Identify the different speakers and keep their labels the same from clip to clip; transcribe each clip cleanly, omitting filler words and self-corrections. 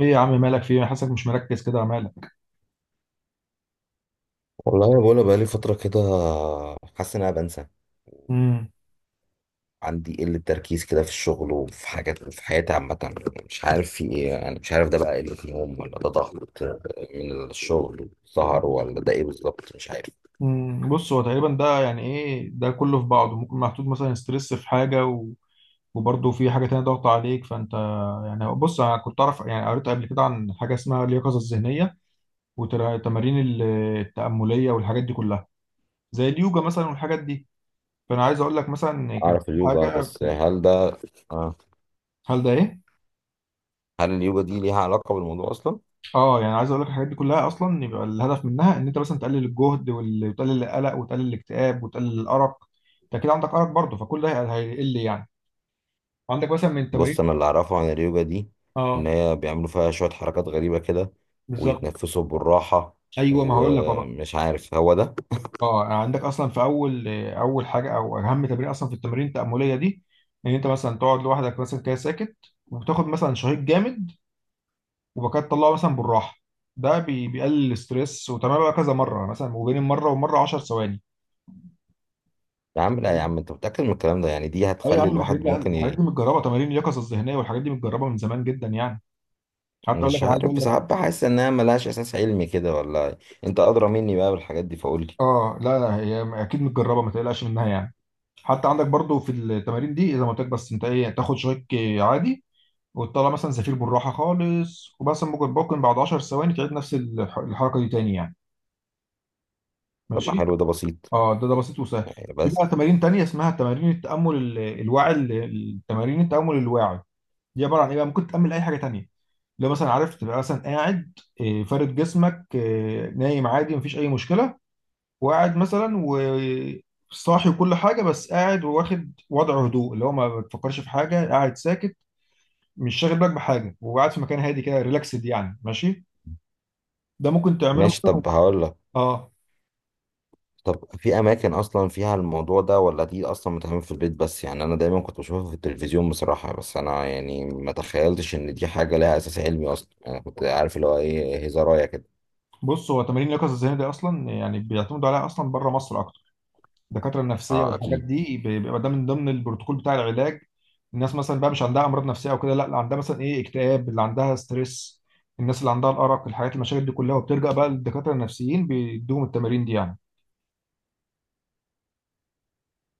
Speaker 1: ايه يا عم مالك فيه؟ انا حاسسك مش مركز كده، مالك؟
Speaker 2: والله انا بقولها بقالي فتره كده. حاسس ان انا بنسى.
Speaker 1: امم
Speaker 2: عندي قله تركيز كده في الشغل وفي حاجات في حياتي عامه. مش عارف في ايه، يعني مش عارف ده بقى قله نوم ولا ده ضغط من الشغل، سهر ولا ده ايه بالظبط، مش عارف.
Speaker 1: بص، هو تقريبا ده يعني ايه؟ ده كله في بعضه، ممكن محطوط مثلا ستريس في حاجه وبرضه في حاجه تانية ضغط عليك. فانت يعني بص، انا كنت اعرف، يعني قريت قبل كده عن حاجه اسمها اليقظه الذهنيه والتمارين التامليه والحاجات دي كلها، زي اليوجا مثلا والحاجات دي. فانا عايز اقول لك مثلا كان
Speaker 2: اعرف
Speaker 1: في
Speaker 2: اليوجا،
Speaker 1: حاجه
Speaker 2: بس
Speaker 1: في
Speaker 2: هل ده آه.
Speaker 1: هل ده ايه؟
Speaker 2: هل اليوجا دي ليها علاقه بالموضوع اصلا؟
Speaker 1: اه، يعني عايز اقول لك الحاجات دي كلها اصلا يبقى الهدف منها ان انت مثلا تقلل الجهد، وتقلل القلق وتقلل الاكتئاب وتقلل الارق. انت كده عندك ارق برضه، فكل ده هيقل يعني. عندك مثلا من التمارين،
Speaker 2: بص انا اللي اعرفه عن اليوجا دي ان
Speaker 1: اه،
Speaker 2: هي بيعملوا فيها شويه حركات غريبه كده،
Speaker 1: بالظبط.
Speaker 2: ويتنفسوا بالراحه،
Speaker 1: ايوه، ما هقول لك أهو بقى.
Speaker 2: ومش عارف هو ده.
Speaker 1: اه، يعني عندك اصلا في اول حاجه او اهم تمرين اصلا في التمارين التامليه دي، ان انت مثلا تقعد لوحدك مثلا كده ساكت، وتاخد مثلا شهيق جامد، وبعد كده تطلعه مثلا بالراحه. ده بيقلل الاستريس، وتمام بقى كذا مره يعني، مثلا وبين مره ومره 10 ثواني.
Speaker 2: يا عم لا يا عم، انت متأكد من الكلام ده؟ يعني دي
Speaker 1: اه يا
Speaker 2: هتخلي
Speaker 1: عم، الحاجات
Speaker 2: الواحد
Speaker 1: دي
Speaker 2: ممكن
Speaker 1: الحاجات دي متجربه، تمارين اليقظه الذهنيه والحاجات دي متجربه من زمان جدا يعني. حتى اقول لك،
Speaker 2: مش
Speaker 1: انا عايز اقول
Speaker 2: عارف،
Speaker 1: لك،
Speaker 2: ساعات بحس انها ملهاش اساس علمي كده ولا. انت ادرى مني بقى بالحاجات دي، فقول لي.
Speaker 1: اه لا لا، هي اكيد متجربه، ما تقلقش منها يعني. حتى عندك برضو في التمارين دي، اذا ما قلت لك، بس انت ايه، تاخد شويك عادي وتطلع مثلا زفير بالراحه خالص وبس، ممكن بعد 10 ثواني تعيد نفس الحركه دي تاني يعني.
Speaker 2: طب ما
Speaker 1: ماشي.
Speaker 2: حلو، ده بسيط
Speaker 1: اه، ده بسيط وسهل.
Speaker 2: يعني
Speaker 1: في
Speaker 2: بس.
Speaker 1: بقى تمارين تانية اسمها تمارين التامل الواعي التمارين التامل الواعي. دي عباره عن ايه بقى؟ ممكن تعمل اي حاجه تانية، لو مثلا عارف تبقى مثلا قاعد، آه، فارد جسمك، آه، نايم عادي مفيش اي مشكله، وقاعد مثلا، وصاحي وكل حاجه، بس قاعد وواخد وضع هدوء، اللي هو ما بتفكرش في حاجه، قاعد ساكت، مش شاغل بالك بحاجه، وقاعد في مكان هادي كده، ريلاكسد يعني، ماشي. ده ممكن تعمله
Speaker 2: ماشي،
Speaker 1: مثلا.
Speaker 2: طب هقول لك.
Speaker 1: اه.
Speaker 2: طب في اماكن اصلا فيها الموضوع ده ولا دي اصلا بتعمل في البيت بس؟ يعني انا دايما كنت بشوفها في التلفزيون بصراحة، بس انا يعني ما تخيلتش ان دي حاجة لها اساس علمي اصلا. يعني انا كنت عارف اللي هو ايه، هزارايه كده.
Speaker 1: بص، هو تمارين اليقظه الذهنيه دي اصلا يعني بيعتمدوا عليها اصلا بره مصر. الدكاتره النفسيه
Speaker 2: اه
Speaker 1: والحاجات
Speaker 2: اكيد.
Speaker 1: دي بيبقى ده من ضمن البروتوكول بتاع العلاج. الناس مثلا بقى، مش عندها امراض نفسيه او كده لا، اللي عندها مثلا ايه، اكتئاب، اللي عندها ستريس، الناس اللي عندها الارق، الحاجات المشاكل دي كلها، وبترجع بقى للدكاتره النفسيين، بيدوهم التمارين دي يعني.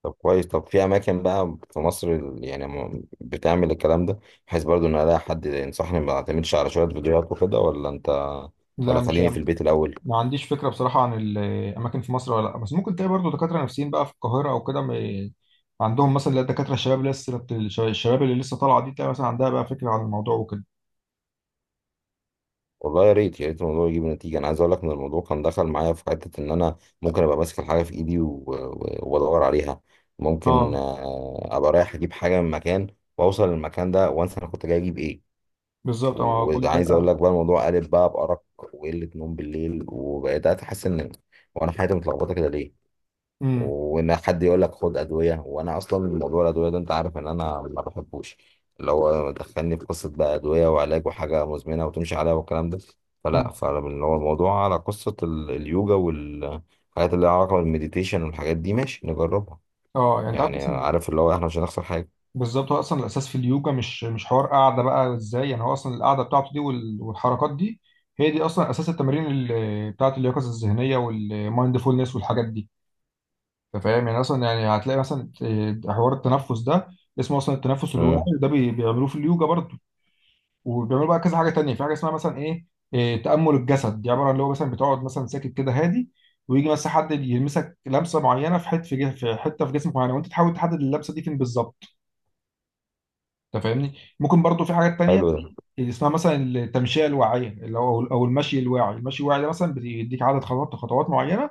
Speaker 2: طب كويس، طب في اماكن بقى في مصر بتعمل الكلام ده؟ بحيث برضو ان الاقي حد ينصحني، ما اعتمدش على شويه فيديوهات وكده، ولا انت؟
Speaker 1: لا
Speaker 2: ولا
Speaker 1: مش،
Speaker 2: خليني في البيت الاول.
Speaker 1: ما عنديش فكره بصراحه عن الاماكن في مصر ولا لا، بس ممكن تلاقي برضه دكاتره نفسيين بقى في القاهره او كده، عندهم مثلا اللي هي الدكاتره الشباب، اللي لسه الشباب اللي لسه طالعه دي، تلاقي مثلا عندها بقى فكره عن الموضوع وكده.
Speaker 2: والله يا ريت يا ريت الموضوع يجيب نتيجه. انا عايز اقول لك ان الموضوع كان دخل معايا في حته ان انا ممكن ابقى ماسك الحاجه في ايدي و- و- وادور عليها. ممكن
Speaker 1: اه
Speaker 2: ابقى رايح اجيب حاجه من مكان، واوصل للمكان ده وانسى انا كنت جاي اجيب ايه.
Speaker 1: بالظبط، اه كل
Speaker 2: وعايز اقول
Speaker 1: ده.
Speaker 2: لك بقى الموضوع قلب بقى بارق وقله نوم بالليل، وبقيت احس ان وانا حياتي متلخبطه كده ليه.
Speaker 1: امم
Speaker 2: وان حد يقول لك خد ادويه، وانا اصلا موضوع الادويه ده انت عارف ان انا ما بحبوش. اللي هو دخلني في قصه بقى ادويه وعلاج وحاجه مزمنه وتمشي عليها والكلام ده.
Speaker 1: أمم.
Speaker 2: فلا، فاللي هو الموضوع على قصه اليوجا والحاجات اللي لها علاقه بالمديتيشن والحاجات دي، ماشي نجربها.
Speaker 1: اه يعني انت عارف،
Speaker 2: يعني
Speaker 1: بس
Speaker 2: عارف اللي هو احنا مش هنخسر حاجه.
Speaker 1: بالظبط، هو اصلا الاساس في اليوجا مش حوار قاعده بقى ازاي يعني، هو اصلا القاعده بتاعته دي والحركات دي هي دي اصلا اساس التمارين بتاعه اليقظه الذهنيه والمايندفولنس والحاجات دي. انت فاهم يعني، اصلا يعني هتلاقي مثلا، آه، حوار التنفس ده اسمه اصلا التنفس
Speaker 2: امم.
Speaker 1: الواعي، ده بيعملوه في اليوجا برضه. وبيعملوا بقى كذا حاجه تانية، في حاجه اسمها مثلا ايه، آه، تامل الجسد. دي عباره عن اللي هو مثلا بتقعد مثلا ساكت كده هادي، ويجي مثلا حد يلمسك لمسه معينه في حته في في حته في جسمك معينه، وانت تحاول تحدد اللمسه دي فين بالظبط. انت فاهمني. ممكن برضو في حاجات تانية
Speaker 2: حلو ده.
Speaker 1: زي اللي اسمها مثلا التمشية الواعية، اللي هو او المشي الواعي. المشي الواعي ده مثلا بيديك عدد خطوات معينة،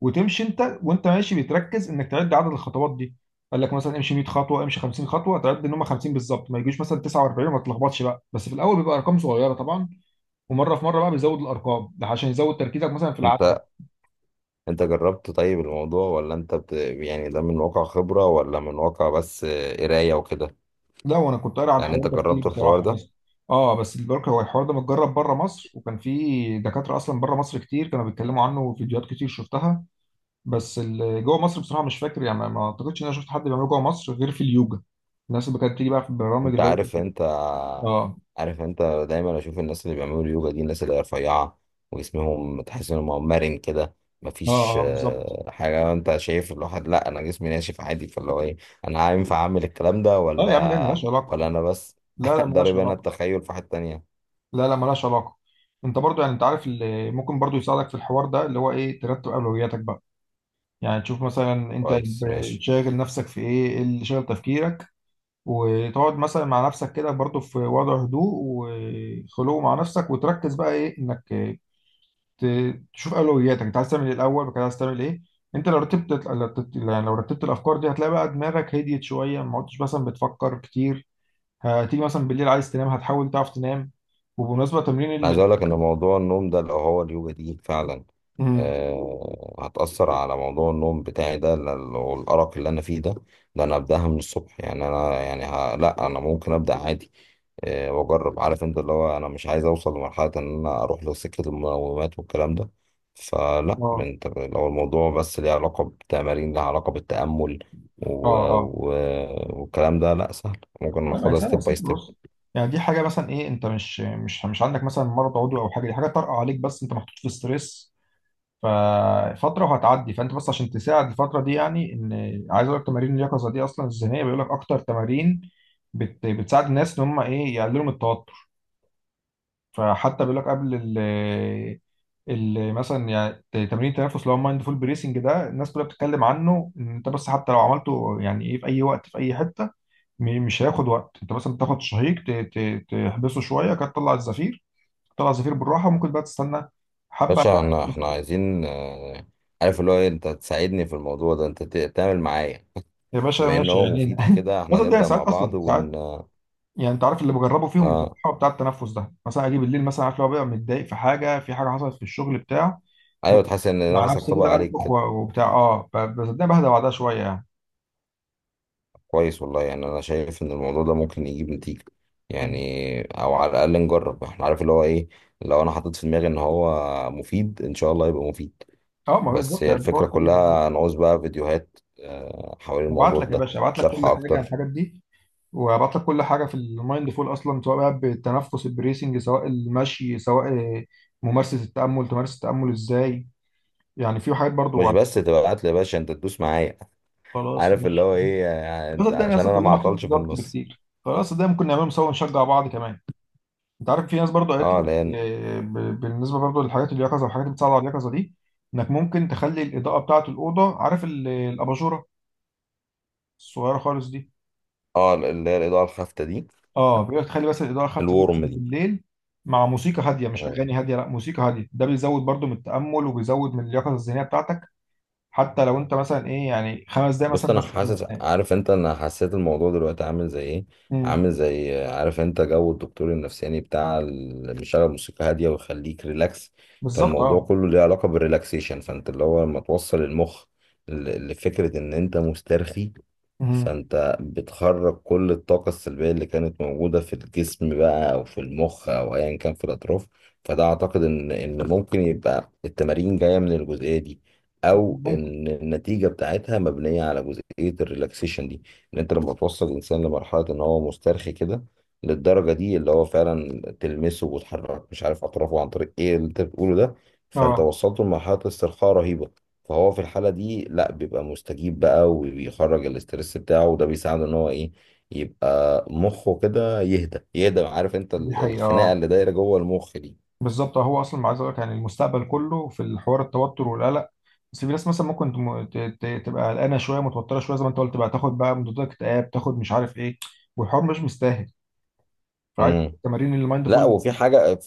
Speaker 1: وتمشي، انت وانت ماشي بتركز انك تعد عدد الخطوات دي. قال لك مثلا امشي 100 خطوة، امشي 50 خطوة، تعد ان هم 50 بالظبط، ما يجيش مثلا 49 وما تلخبطش بقى. بس في الاول بيبقى ارقام صغيرة طبعا، ومرة في مرة بقى بيزود الارقام ده عشان يزود تركيزك مثلا في العد.
Speaker 2: انت انت جربت طيب الموضوع ولا يعني ده من واقع خبره ولا من واقع بس قرايه وكده؟
Speaker 1: لا، وانا كنت قاري على
Speaker 2: يعني
Speaker 1: الحوار
Speaker 2: انت
Speaker 1: ده كتير
Speaker 2: جربت الحوار
Speaker 1: بصراحه،
Speaker 2: ده؟
Speaker 1: بس اه، بس البركه، هو الحوار ده متجرب بره مصر، وكان في دكاتره اصلا بره مصر كتير كانوا بيتكلموا عنه، وفيديوهات كتير شفتها. بس اللي جوه مصر بصراحه مش فاكر، يعني ما اعتقدش ان انا شفت حد بيعمله جوه مصر غير في اليوجا، الناس اللي كانت بتيجي بقى في البرامج
Speaker 2: انت
Speaker 1: اللي هو،
Speaker 2: عارف، انت
Speaker 1: اه
Speaker 2: عارف انت دايما اشوف الناس اللي بيعملوا يوجا دي الناس اللي هي رفيعه، وجسمهم تحس انهم مرن كده.
Speaker 1: اه،
Speaker 2: مفيش
Speaker 1: اه بالظبط.
Speaker 2: حاجه، انت شايف الواحد؟ لا انا جسمي ناشف عادي، فاللي هو ايه، انا ينفع اعمل الكلام ده
Speaker 1: اه يا عم، لا
Speaker 2: ولا
Speaker 1: مالهاش علاقه.
Speaker 2: ولا انا بس
Speaker 1: لا لا مالهاش
Speaker 2: ضارب انا
Speaker 1: علاقه
Speaker 2: التخيل في حته تانية.
Speaker 1: لا لا، مالهاش علاقه. انت برضو يعني، انت عارف اللي ممكن برضو يساعدك في الحوار ده اللي هو ايه، ترتب اولوياتك بقى. يعني تشوف مثلا انت
Speaker 2: كويس ماشي.
Speaker 1: شاغل نفسك في ايه، إيه اللي شاغل تفكيرك، وتقعد مثلا مع نفسك كده برضو في وضع هدوء، وخلوه مع نفسك، وتركز بقى ايه، انك تشوف اولوياتك، انت عايز تعمل ايه الاول وكده، عايز تعمل ايه. انت لو رتبت، يعني لو رتبت الافكار دي، هتلاقي بقى دماغك هديت شويه، ما عدتش مثلا بتفكر كتير. هتيجي مثلا بالليل عايز تنام، هتحاول تعرف تنام. وبمناسبه
Speaker 2: انا
Speaker 1: تمرين
Speaker 2: عايز
Speaker 1: ال،
Speaker 2: اقول لك ان موضوع النوم ده لو هو اليوجا دي فعلا
Speaker 1: مم.
Speaker 2: هتأثر على موضوع النوم بتاعي ده، والأرق اللي أنا فيه ده، ده أنا أبدأها من الصبح. يعني أنا يعني لأ أنا ممكن أبدأ عادي. أه، وأجرب. عارف أنت، اللي هو أنا مش عايز أوصل لمرحلة إن أنا أروح لسكة المنومات والكلام ده. فلأ،
Speaker 1: اه
Speaker 2: لو الموضوع بس ليه علاقة بتمارين لها علاقة بالتأمل
Speaker 1: اه،
Speaker 2: و...
Speaker 1: اه
Speaker 2: و... والكلام ده، لأ سهل، ممكن
Speaker 1: لا، ما هي
Speaker 2: ناخدها
Speaker 1: سهله،
Speaker 2: ستيب
Speaker 1: بس
Speaker 2: باي
Speaker 1: انت
Speaker 2: ستيب.
Speaker 1: بص. يعني دي حاجه مثلا ايه، انت مش عندك مثلا مرض عضوي او حاجه، دي حاجه طارئه عليك، بس انت محطوط في ستريس ففترة وهتعدي. فانت بس عشان تساعد الفترة دي، يعني ان عايز اقول لك، تمارين اليقظة دي اصلا الذهنية بيقول لك اكتر تمارين بتساعد الناس ان هم ايه، يقللوا من التوتر. فحتى بيقول لك قبل ال ال مثلا يعني تمرين التنفس اللي هو مايندفول بريسنج ده، الناس كلها بتتكلم عنه، ان انت بس حتى لو عملته، يعني ايه، في اي وقت في اي حته، مش هياخد وقت. انت مثلا بتاخد شهيق تحبسه شويه كده، تطلع الزفير، تطلع الزفير بالراحه، وممكن بقى تستنى حبه.
Speaker 2: باشا احنا عايزين، عارف اللي هو أنت تساعدني في الموضوع ده، أنت تعمل معايا.
Speaker 1: يا باشا
Speaker 2: بما ان
Speaker 1: ماشي
Speaker 2: هو
Speaker 1: يعني،
Speaker 2: مفيد كده، احنا
Speaker 1: مثلا ده
Speaker 2: نبدأ
Speaker 1: ساعات
Speaker 2: مع بعض
Speaker 1: اصلا
Speaker 2: ون.
Speaker 1: ساعات. يعني انت عارف اللي بجربه فيهم
Speaker 2: اه
Speaker 1: بصراحه بتاع التنفس ده، مثلا اجي بالليل مثلا، عارف، لو بقى متضايق في حاجه، في حاجه حصلت في الشغل بتاع، ب-
Speaker 2: ايوه، تحس ان
Speaker 1: مع
Speaker 2: نفسك
Speaker 1: نفسي
Speaker 2: طبق
Speaker 1: كده
Speaker 2: عليك
Speaker 1: انفخ
Speaker 2: كده.
Speaker 1: وبتاع، اه، بصدقني بهدى بعدها شويه يعني.
Speaker 2: كويس والله، يعني انا شايف ان الموضوع ده ممكن يجيب نتيجة.
Speaker 1: مم.
Speaker 2: يعني او على الاقل نجرب، احنا عارف اللي هو ايه، لو انا حطيت في دماغي ان هو مفيد ان شاء الله يبقى مفيد.
Speaker 1: اه، ما هو
Speaker 2: بس
Speaker 1: بالظبط
Speaker 2: هي
Speaker 1: يعني
Speaker 2: الفكرة
Speaker 1: الحوار كله بالظبط.
Speaker 2: كلها، نعوز بقى فيديوهات حوالين
Speaker 1: هبعت
Speaker 2: الموضوع
Speaker 1: لك يا
Speaker 2: ده،
Speaker 1: باشا، هبعت لك
Speaker 2: شرح
Speaker 1: كل حاجه عن
Speaker 2: اكتر.
Speaker 1: الحاجات دي، وهبعت لك كل حاجه في المايند فول اصلا، سواء بقى بالتنفس البريسنج، سواء المشي، سواء ممارسه التامل، تمارس التامل ازاي، يعني في حاجات برضو.
Speaker 2: مش بس تبعت لي يا باشا، انت تدوس معايا.
Speaker 1: خلاص
Speaker 2: عارف اللي
Speaker 1: ماشي.
Speaker 2: هو ايه،
Speaker 1: الوسط
Speaker 2: انت
Speaker 1: التاني
Speaker 2: عشان
Speaker 1: اصلا
Speaker 2: انا
Speaker 1: كلنا
Speaker 2: ما
Speaker 1: محطوط
Speaker 2: اعطلش
Speaker 1: في
Speaker 2: في
Speaker 1: ضغط
Speaker 2: النص.
Speaker 1: بكتير، خلاص ده ممكن نعمله سوا ونشجع بعض كمان. انت عارف في ناس برضه قالت
Speaker 2: اه
Speaker 1: لك،
Speaker 2: لان.
Speaker 1: آه، بالنسبه برضه للحاجات اليقظه والحاجات اللي بتساعد على اليقظه دي، انك ممكن تخلي الاضاءه بتاعه الاوضه، عارف الاباجوره الصغيره خالص دي،
Speaker 2: اه اللي هي الاضاءة الخافتة دي،
Speaker 1: اه، بيقول لك تخلي بس الاضاءه خفت جدا
Speaker 2: الورم دي.
Speaker 1: بالليل، مع موسيقى هاديه، مش
Speaker 2: مم.
Speaker 1: اغاني هاديه لا، موسيقى هاديه. ده بيزود برضه من التامل وبيزود من اليقظه الذهنيه بتاعتك. حتى لو انت مثلا ايه يعني 5 دقايق
Speaker 2: بص
Speaker 1: مثلا
Speaker 2: انا
Speaker 1: بس قبل ما
Speaker 2: حاسس،
Speaker 1: تنام.
Speaker 2: عارف انت، انا حسيت الموضوع دلوقتي عامل زي ايه،
Speaker 1: أمم،
Speaker 2: عامل زي، عارف انت، جو الدكتور النفساني بتاع اللي بيشغل موسيقى هاديه ويخليك ريلاكس.
Speaker 1: بالظبط
Speaker 2: فالموضوع
Speaker 1: اه.
Speaker 2: كله ليه علاقه بالريلاكسيشن. فانت اللي هو لما توصل المخ لفكره ان انت مسترخي،
Speaker 1: أمم،
Speaker 2: فانت بتخرج كل الطاقه السلبيه اللي كانت موجوده في الجسم بقى، او في المخ، او ايا كان في الاطراف. فده اعتقد ان ممكن يبقى التمارين جايه من الجزئيه دي، او
Speaker 1: ممكن.
Speaker 2: ان النتيجه بتاعتها مبنيه على جزئيه الريلاكسيشن دي. ان انت لما توصل الانسان لمرحله ان هو مسترخي كده، للدرجه دي اللي هو فعلا تلمسه وتحرك مش عارف اطرافه عن طريق ايه اللي انت بتقوله ده، فانت
Speaker 1: اه،
Speaker 2: وصلته لمرحله استرخاء رهيبه. فهو في الحاله دي لا، بيبقى مستجيب بقى وبيخرج الاسترس بتاعه، وده بيساعده ان هو ايه، يبقى مخه كده يهدى يهدى. عارف انت
Speaker 1: دي حقيقه
Speaker 2: الخناقه
Speaker 1: آه.
Speaker 2: اللي دايره جوه المخ دي.
Speaker 1: بالظبط، هو اصلا عايز اقول لك يعني المستقبل كله في الحوار، التوتر والقلق. بس في ناس مثلا ممكن تبقى قلقانه شويه متوتره شويه زي ما انت قلت بقى، تاخد بقى مضادات اكتئاب، تاخد مش عارف ايه، والحوار مش مستاهل. فعايز
Speaker 2: امم.
Speaker 1: تمارين المايند
Speaker 2: لا،
Speaker 1: فول،
Speaker 2: وفي حاجه،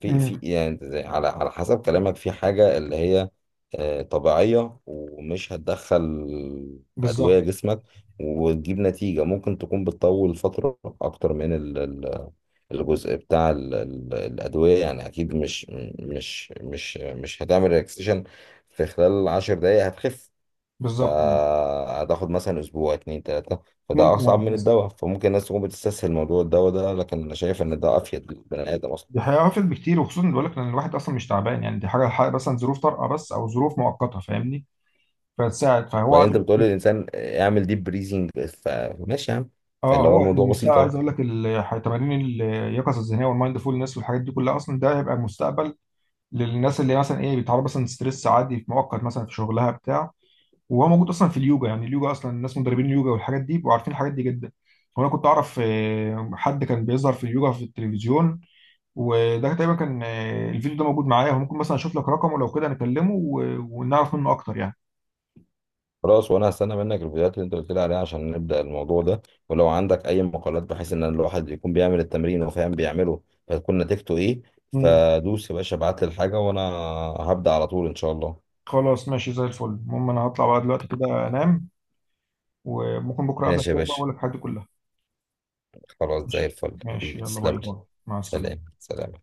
Speaker 2: في
Speaker 1: امم،
Speaker 2: يعني على حسب كلامك، في حاجة اللي هي طبيعية ومش هتدخل أدوية
Speaker 1: بالظبط،
Speaker 2: جسمك، وتجيب نتيجة ممكن تكون بتطول فترة أكتر من الجزء بتاع الأدوية. يعني أكيد مش هتعمل ريلاكسيشن في خلال 10 دقايق هتخف.
Speaker 1: آه.
Speaker 2: فهتاخد مثلا أسبوع 2، 3. فده
Speaker 1: ممكن،
Speaker 2: أصعب
Speaker 1: اه
Speaker 2: من
Speaker 1: بس
Speaker 2: الدواء. فممكن الناس تكون بتستسهل موضوع الدواء ده، لكن أنا شايف إن ده أفيد للبني آدم أصلا.
Speaker 1: دي هيعرفل بكتير، وخصوصا بقول لك ان الواحد اصلا مش تعبان، يعني دي حاجه، حاجة مثلا ظروف طارئه بس او ظروف مؤقته، فاهمني، فتساعد. فهو
Speaker 2: وبعدين
Speaker 1: عايز-
Speaker 2: انت بتقول للانسان اعمل ديب بريزنج، فماشي يا عم.
Speaker 1: اه،
Speaker 2: فاللي هو
Speaker 1: هو
Speaker 2: الموضوع
Speaker 1: المستقبل
Speaker 2: بسيط
Speaker 1: عايز
Speaker 2: اهو.
Speaker 1: اقول لك تمارين اليقظه الذهنيه والمايند فولنس والحاجات دي كلها اصلا، ده هيبقى مستقبل للناس اللي مثلا ايه، بيتعرض مثلا ستريس عادي في مؤقت مثلا في شغلها بتاع. وهو موجود اصلا في اليوجا يعني. اليوجا اصلا الناس مدربين اليوجا والحاجات دي بيبقوا عارفين الحاجات دي جدا. وانا كنت اعرف، آه، حد كان بيظهر في اليوجا في التلفزيون، وده تقريبا كان، آه، الفيديو ده موجود معايا، وممكن مثلا اشوف لك رقمه لو كده نكلمه ونعرف منه اكتر يعني.
Speaker 2: خلاص، وانا هستنى منك الفيديوهات اللي انت قلت لي عليها عشان نبدا الموضوع ده. ولو عندك اي مقالات، بحيث ان الواحد يكون بيعمل التمرين وفاهم بيعمله، فتكون نتيجته ايه.
Speaker 1: مم.
Speaker 2: فدوس يا باشا، ابعت لي الحاجه وانا هبدا على طول ان شاء الله.
Speaker 1: خلاص ماشي زي الفل. المهم انا هطلع بقى دلوقتي كده انام، وممكن بكره اقابلك
Speaker 2: ماشي يا
Speaker 1: تاني بقى
Speaker 2: باشا،
Speaker 1: واقول لك الحاجات دي كلها.
Speaker 2: خلاص زي
Speaker 1: ماشي.
Speaker 2: الفل
Speaker 1: ماشي
Speaker 2: حبيبي،
Speaker 1: يلا،
Speaker 2: تسلم
Speaker 1: باي
Speaker 2: لي.
Speaker 1: باي. مع
Speaker 2: سلام
Speaker 1: السلامه.
Speaker 2: سلام.